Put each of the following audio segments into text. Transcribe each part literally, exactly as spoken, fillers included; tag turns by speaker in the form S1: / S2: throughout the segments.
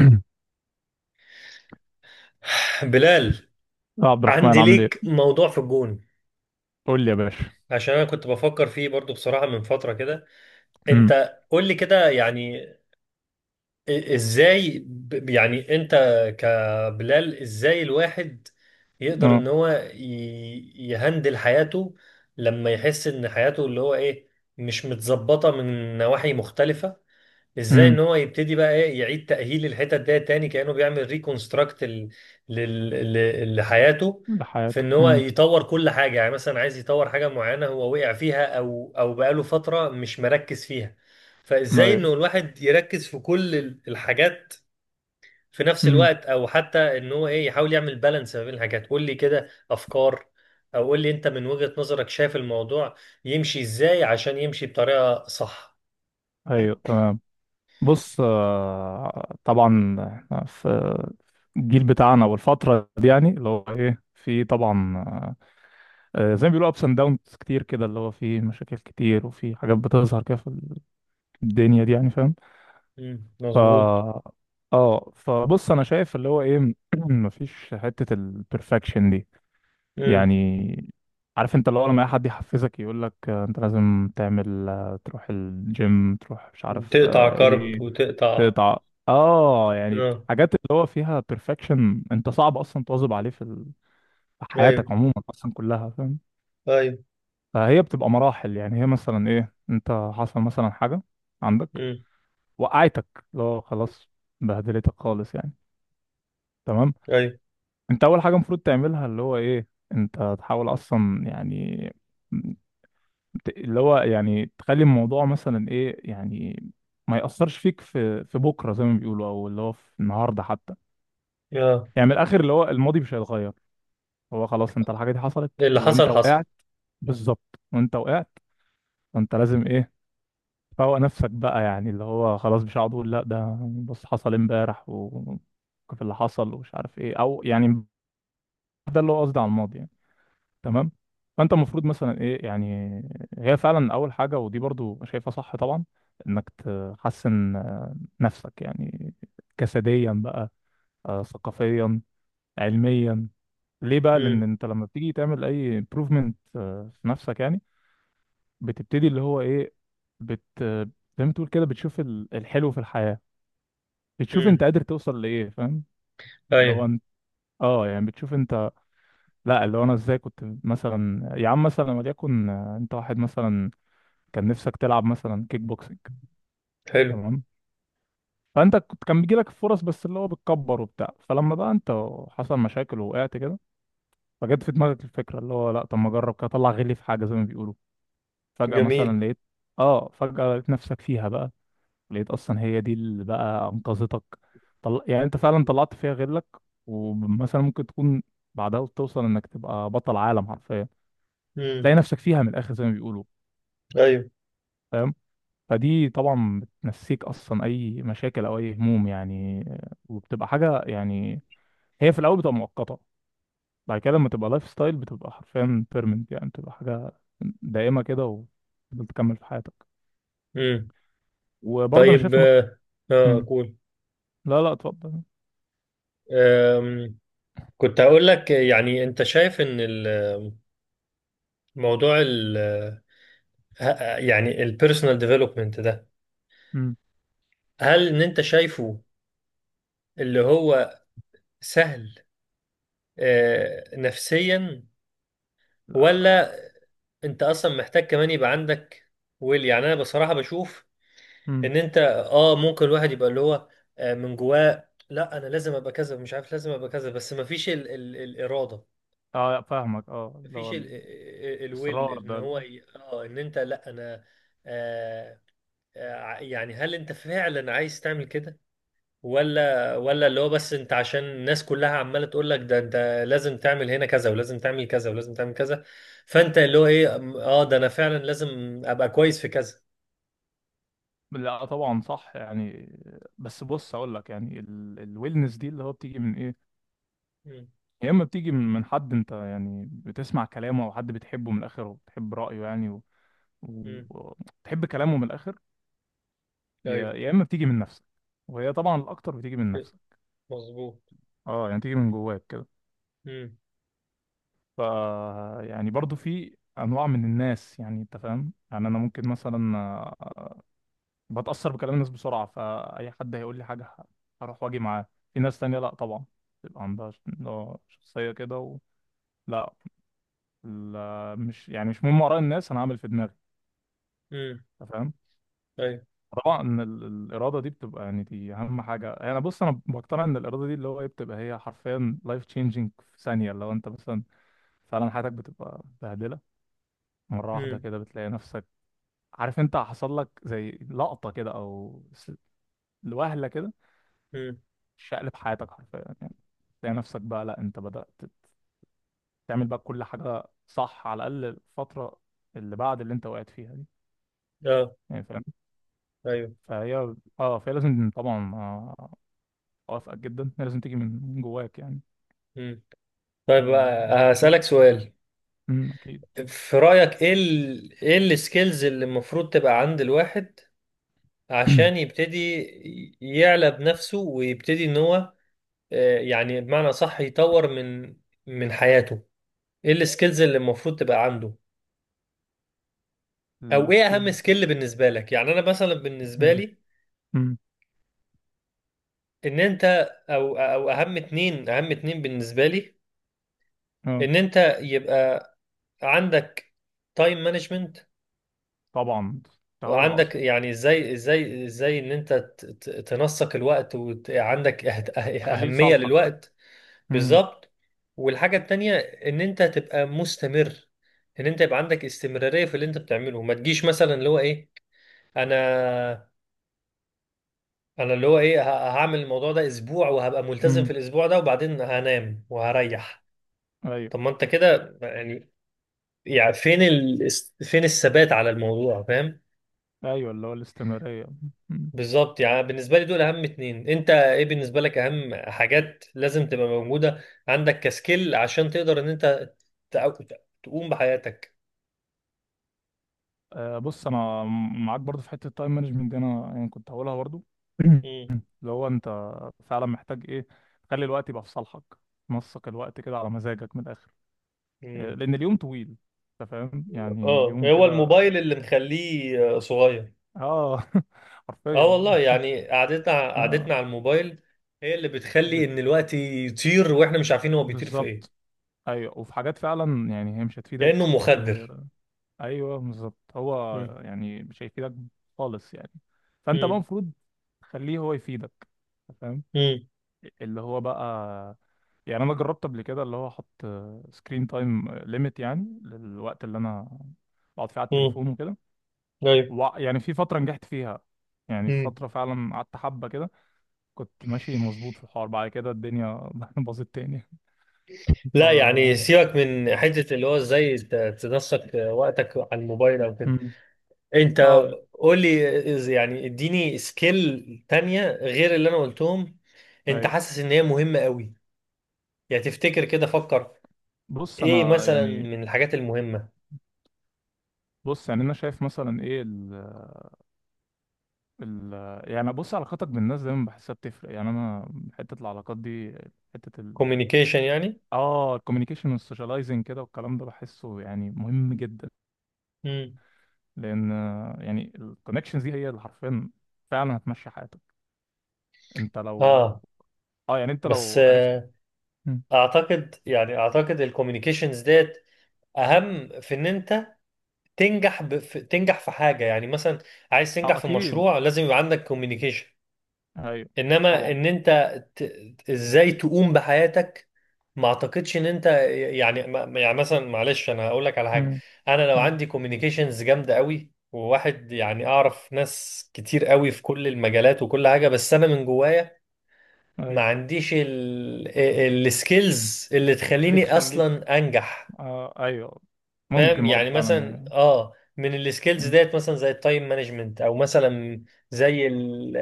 S1: يا
S2: بلال،
S1: عبد الرحمن
S2: عندي
S1: عامل ايه؟
S2: ليك موضوع في الجون.
S1: قول لي يا باشا.
S2: عشان انا كنت بفكر فيه برضو بصراحة من فترة كده.
S1: امم
S2: انت قول لي كده، يعني إ- ازاي ب- يعني انت كبلال، ازاي الواحد يقدر
S1: اه
S2: ان هو ي- يهندل حياته لما يحس ان حياته اللي هو ايه مش متظبطة من نواحي مختلفة. ازاي
S1: امم
S2: ان هو يبتدي بقى ايه يعيد تأهيل الحتت ده تاني، كأنه بيعمل ريكونستراكت لحياته.
S1: ده
S2: في
S1: حياته،
S2: ان هو
S1: امم.
S2: يطور كل حاجة، يعني مثلا عايز يطور حاجة معينة هو وقع فيها او او بقاله فترة مش مركز فيها. فازاي
S1: ايوه،
S2: انه الواحد يركز في كل ال- الحاجات في نفس
S1: امم.
S2: الوقت، او حتى ان هو ايه يحاول يعمل بالانس ما بين الحاجات؟ قول لي كده افكار، او قول لي انت من وجهة نظرك شايف الموضوع يمشي ازاي عشان يمشي بطريقة صح.
S1: ايوه، تمام. بص، آه، طبعا إحنا في الجيل بتاعنا والفترة دي، يعني اللي هو ايه، في طبعا آه، آه، زي ما بيقولوا ابس اند داونز كتير كده، اللي هو في مشاكل كتير وفي حاجات بتظهر كده في الدنيا دي، يعني فاهم.
S2: مم،
S1: ف
S2: مظبوط.
S1: اه فبص انا شايف اللي هو ايه، مفيش حتة البرفكشن دي يعني. عارف انت، اللي هو لما اي حد يحفزك يقول لك انت لازم تعمل، آه، تروح الجيم، تروح مش
S2: مم.
S1: عارف
S2: تقطع
S1: آه،
S2: كرب
S1: ايه،
S2: وتقطع.
S1: تقطع. اه يعني
S2: اه.
S1: حاجات اللي هو فيها بيرفكشن انت صعب اصلا تواظب عليه في ال- في
S2: ايوه.
S1: حياتك عموما اصلا كلها، فاهم.
S2: ايوه.
S1: فهي بتبقى مراحل، يعني هي مثلا ايه، انت حصل مثلا حاجة عندك،
S2: امم.
S1: وقعتك، اللي هو خلاص بهدلتك خالص يعني، تمام.
S2: ايوه.
S1: انت اول حاجة المفروض تعملها اللي هو ايه، انت تحاول اصلا، يعني ت- اللي هو، يعني تخلي الموضوع مثلا ايه، يعني ما يأثرش فيك في في بكره، زي ما بيقولوا، او اللي هو في النهارده حتى،
S2: اه.
S1: يعني من الاخر اللي هو الماضي مش هيتغير. هو خلاص انت الحاجه دي حصلت
S2: اللي
S1: وانت
S2: حصل حصل.
S1: وقعت، بالظبط وانت وقعت. فانت لازم ايه، تفوق نفسك بقى، يعني اللي هو خلاص مش هقعد اقول لا ده بص حصل امبارح وكيف اللي حصل ومش عارف ايه، او يعني ده اللي هو قصدي على الماضي يعني، تمام. فانت المفروض مثلا ايه يعني، هي فعلا اول حاجه، ودي برضو شايفها صح طبعا، انك تحسن آه، نفسك يعني، جسديا بقى، آه، ثقافيا، علميا. ليه بقى؟ لان
S2: امم.
S1: انت لما بتيجي تعمل اي improvement آه، في نفسك يعني، بتبتدي اللي هو ايه، بت زي ما تقول كده بتشوف ال- الحلو في الحياه، بتشوف انت
S2: امم.
S1: قادر توصل لايه، فاهم. لو
S2: ايوه.
S1: انت اه يعني بتشوف انت، لا اللي هو انا ازاي كنت مثلا. يا عم مثلا، وليكن، آه، انت واحد مثلا كان نفسك تلعب مثلا كيك بوكسنج،
S2: حلو.
S1: تمام، فانت كنت كان بيجي لك فرص، بس اللي هو بتكبر وبتاع، فلما بقى انت حصل مشاكل ووقعت كده، فجت في دماغك الفكره اللي هو لا طب ما اجرب كده، اطلع غلي في حاجه زي ما بيقولوا. فجاه
S2: جميل.
S1: مثلا لقيت، اه فجاه لقيت نفسك فيها بقى، لقيت اصلا هي دي اللي بقى انقذتك. طل... يعني انت فعلا طلعت فيها غلك، ومثلا ممكن تكون بعدها توصل انك تبقى بطل عالم حرفيا،
S2: امم.
S1: تلاقي نفسك فيها من الاخر زي ما بيقولوا،
S2: ايوه.
S1: فاهم. فدي طبعا بتنسيك اصلا اي مشاكل او اي هموم يعني، وبتبقى حاجه يعني، هي في الاول بتبقى مؤقته، بعد كده لما تبقى لايف ستايل بتبقى حرفيا بيرمنت، يعني بتبقى حاجه دائمه كده، وتفضل تكمل في حياتك.
S2: امم.
S1: وبرضه انا
S2: طيب.
S1: شايف انك...
S2: اه. آه،
S1: مم.
S2: قول.
S1: لا لا، اتفضل.
S2: آم، كنت هقول لك، يعني انت شايف ان الموضوع ال ه- يعني البيرسونال ديفلوبمنت ده،
S1: مم.
S2: هل ان انت شايفه اللي هو سهل آه، نفسيا؟
S1: لا.
S2: ولا انت اصلا محتاج كمان يبقى عندك ويل؟ يعني انا بصراحه بشوف
S1: مم.
S2: ان انت اه ممكن الواحد يبقى اللي هو آه، من جواه لا انا لازم ابقى كذا، مش عارف لازم ابقى كذا، بس ما فيش ال ال الاراده.
S1: اه فاهمك، اه
S2: ما
S1: اللي هو
S2: فيش ال ال الويل
S1: الاصرار
S2: ان
S1: ده.
S2: هو ي- اه ان انت لا انا. آه آه، يعني هل انت فعلا عايز تعمل كده، ولا ولا اللي هو بس انت عشان الناس كلها عماله تقول لك ده انت لازم تعمل هنا كذا ولازم تعمل كذا ولازم تعمل كذا؟ فانت اللي هو ايه، اه، ده انا فعلا لازم ابقى كويس في كذا.
S1: لا طبعا صح يعني، بس بص اقول لك يعني، الويلنس دي اللي هو بتيجي من ايه؟
S2: مم.
S1: يا اما بتيجي من من حد انت يعني بتسمع كلامه، او حد بتحبه من الاخر وبتحب رايه يعني، وتحب و...
S2: مم.
S1: و- بتحب كلامه من الاخر، يا
S2: ايوه.
S1: يا اما بتيجي من نفسك، وهي طبعا الاكتر بتيجي من
S2: ف-
S1: نفسك،
S2: مظبوط.
S1: اه يعني بتيجي من جواك كده.
S2: مم.
S1: ف يعني برضو في انواع من الناس، يعني انت فاهم، يعني انا ممكن مثلا آه، بتاثر بكلام الناس بسرعه، فاي حد هيقول لي حاجه ه- هروح واجي معاه. في ناس تانية لا طبعا، تبقى عندها ش- آه، شخصيه كده و... لا، لا مش يعني مش مهم اراء الناس، انا هعمل في دماغي،
S2: مم.
S1: انت فاهم.
S2: ايوه.
S1: طبعا إن ال- الاراده دي بتبقى، يعني دي اهم حاجه، انا يعني بص انا بقتنع ان الاراده دي اللي هو ايه، بتبقى هي حرفيا لايف تشينجينج في ثانيه، لو انت مثلا فعلا حياتك بتبقى بهدله مره واحده
S2: مم.
S1: كده، بتلاقي نفسك، عارف انت حصل لك زي لقطه كده او س- وهله كده
S2: مم.
S1: شقلب حياتك حرفيا يعني، تلاقي نفسك بقى لا انت بدات تعمل بقى كل حاجه صح، على الاقل الفتره اللي بعد اللي انت وقعت فيها دي،
S2: اه.
S1: يعني فاهم.
S2: ايوه.
S1: فهي اه فهي لازم طبعا، آه، اوافقك جدا، هي لازم تيجي من جواك يعني.
S2: مم. طيب
S1: آه،
S2: آه، هسألك
S1: بس،
S2: سؤال.
S1: امم اكيد.
S2: في رأيك ايه ال... ايه السكيلز اللي المفروض تبقى عند الواحد عشان يبتدي يعلى بنفسه ويبتدي ان هو آه، يعني بمعنى صح يطور من من حياته؟ ايه السكيلز اللي المفروض تبقى عنده، او ايه اهم
S1: السكيلز.
S2: سكيل بالنسبة لك؟ يعني انا مثلا بالنسبة
S1: امم
S2: لي
S1: امم
S2: ان انت، او او اهم اتنين اهم اتنين بالنسبه لي،
S1: اه
S2: ان انت يبقى عندك تايم مانجمنت،
S1: طبعا كنت هقولها
S2: وعندك
S1: اصلا،
S2: يعني ازاي ازاي ازاي ان انت ت- ت- تنسق الوقت، وعندك
S1: تخليه
S2: اهمية
S1: لصالحك.
S2: للوقت.
S1: امم.
S2: بالظبط. والحاجة التانية ان انت تبقى مستمر، ان انت يبقى عندك استمرارية في اللي انت بتعمله، ما تجيش مثلا اللي هو ايه، انا انا اللي هو ايه ه- هعمل الموضوع ده اسبوع وهبقى ملتزم في
S1: امم.
S2: الاسبوع ده وبعدين هنام وهريح.
S1: ايوه.
S2: طب ما انت كده يعني، يعني فين ال... فين الثبات على الموضوع؟ فاهم.
S1: ايوه، اللي هو الاستمراريه. مم.
S2: بالظبط، يعني بالنسبة لي دول أهم اتنين. أنت إيه بالنسبة لك أهم حاجات لازم تبقى موجودة عندك كسكيل عشان تقدر إن أنت تع- تقوم بحياتك؟
S1: آه، بص انا معاك برضو في حته التايم مانجمنت دي، انا يعني كنت هقولها برضو.
S2: مم.
S1: اللي هو انت فعلا محتاج ايه، تخلي الوقت يبقى في صالحك، نسق الوقت كده على مزاجك من الاخر، آه،
S2: مم.
S1: لان اليوم طويل، انت فاهم، يعني
S2: اه،
S1: اليوم
S2: هو
S1: كده
S2: الموبايل اللي مخليه آه، صغير.
S1: اه حرفيا
S2: اه والله،
S1: والله.
S2: يعني قعدتنا
S1: اه
S2: قعدتنا على الموبايل هي اللي بتخلي ان الوقت يطير واحنا مش عارفين هو بيطير في
S1: بالظبط.
S2: ايه.
S1: ايوه، وفي حاجات فعلا يعني هي مش
S2: كأنه
S1: هتفيدك
S2: مخدر.
S1: في... ايوه بالظبط، هو
S2: مم.
S1: يعني مش هيفيدك خالص يعني. فانت بقى
S2: مم.
S1: المفروض تخليه هو يفيدك، فاهم.
S2: مم.
S1: اللي هو بقى يعني، انا جربت قبل كده اللي هو احط سكرين تايم ليميت، يعني للوقت اللي انا بقعد فيه على
S2: مم.
S1: التليفون وكده،
S2: ايوه.
S1: وع- يعني في فتره نجحت فيها، يعني في فتره فعلا قعدت حبه كده، كنت ماشي مظبوط في الحوار، بعد كده الدنيا باظت تاني. ف
S2: لا يعني سيبك من حته اللي هو ازاي ت- تنسق وقتك على الموبايل او كده.
S1: مم.
S2: انت
S1: اه
S2: قول لي إز- يعني اديني سكيل تانية غير اللي انا قلتهم، انت
S1: ايوه.
S2: حاسس ان هي مهمه قوي. يعني تفتكر كده، فكر.
S1: بص
S2: ايه
S1: انا
S2: مثلا
S1: يعني
S2: من الحاجات المهمه؟
S1: بص يعني انا شايف مثلا ايه، ال ال يعني بص علاقاتك بالناس دايما بحسها بتفرق، يعني انا حته العلاقات دي، حته ال
S2: كوميونيكيشن يعني.
S1: اه الكوميونيكيشن والسوشياليزنج كده والكلام ده بحسه يعني مهم جدا،
S2: امم.
S1: لان يعني الكونكشنز دي هي اللي حرفيا فعلا هتمشي حياتك. انت لو
S2: اه،
S1: اه يعني انت
S2: بس
S1: لو عرفت.
S2: آه،
S1: مم.
S2: اعتقد، يعني اعتقد الكوميونيكيشنز ديت اهم في ان انت تنجح ب... في... تنجح في حاجه، يعني مثلا عايز تنجح
S1: اه
S2: في
S1: اكيد،
S2: مشروع لازم يبقى عندك كوميونيكيشن.
S1: ايوه
S2: انما
S1: طبعا.
S2: ان انت ت... ازاي تقوم بحياتك، ما اعتقدش ان انت، يعني ما- يعني مثلا معلش انا هقول لك على حاجه،
S1: مم.
S2: انا لو
S1: مم.
S2: عندي كوميونيكيشنز جامده قوي وواحد يعني اعرف ناس كتير قوي في كل المجالات وكل حاجه، بس انا من جوايا ما
S1: ايوه
S2: عنديش السكيلز اللي
S1: اللي
S2: تخليني
S1: تخليك،
S2: اصلا انجح.
S1: آه ايوه.
S2: فاهم
S1: ممكن برضه
S2: يعني؟
S1: فعلا
S2: مثلا
S1: هي.
S2: اه، من السكيلز
S1: مم.
S2: ديت مثلا زي التايم مانجمنت، او مثلا زي ال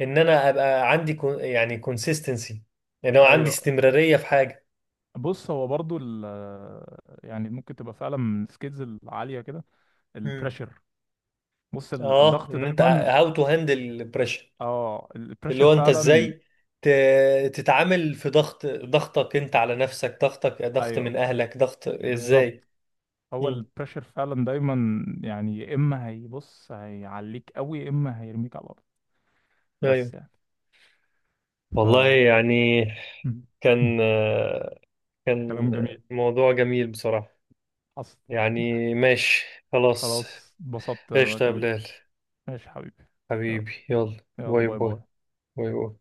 S2: ان انا ابقى عندي كو- يعني كونسيستنسي، ان هو عندي
S1: ايوه
S2: استمرارية في حاجة.
S1: بص هو برضو ال يعني ممكن تبقى فعلا من السكيلز العالية كده،
S2: امم.
S1: البريشر. بص ال-
S2: اه،
S1: الضغط
S2: ان انت
S1: دايما.
S2: هاو تو هاندل بريشر،
S1: اه
S2: اللي
S1: البريشر
S2: هو انت
S1: فعلا،
S2: ازاي ت- تتعامل في ضغط، ضغطك انت على نفسك، ضغطك ضغط
S1: ايوه
S2: من اهلك، ضغط ازاي.
S1: بالظبط. هو
S2: امم.
S1: البريشر فعلا دايما يعني، يا اما هيبص هيعليك قوي، يا اما هيرميك على الارض، بس
S2: ايوه.
S1: يعني. ف
S2: والله
S1: مم.
S2: يعني،
S1: مم.
S2: كان كان
S1: كلام جميل،
S2: موضوع جميل بصراحة.
S1: حصل.
S2: يعني ماشي. خلاص.
S1: خلاص، اتبسطت انا
S2: ايش يا
S1: كلمتك.
S2: بلال.
S1: ماشي يا حبيبي. يلا،
S2: حبيبي، يلا.
S1: يلا
S2: باي
S1: باي
S2: باي.
S1: باي.
S2: باي باي.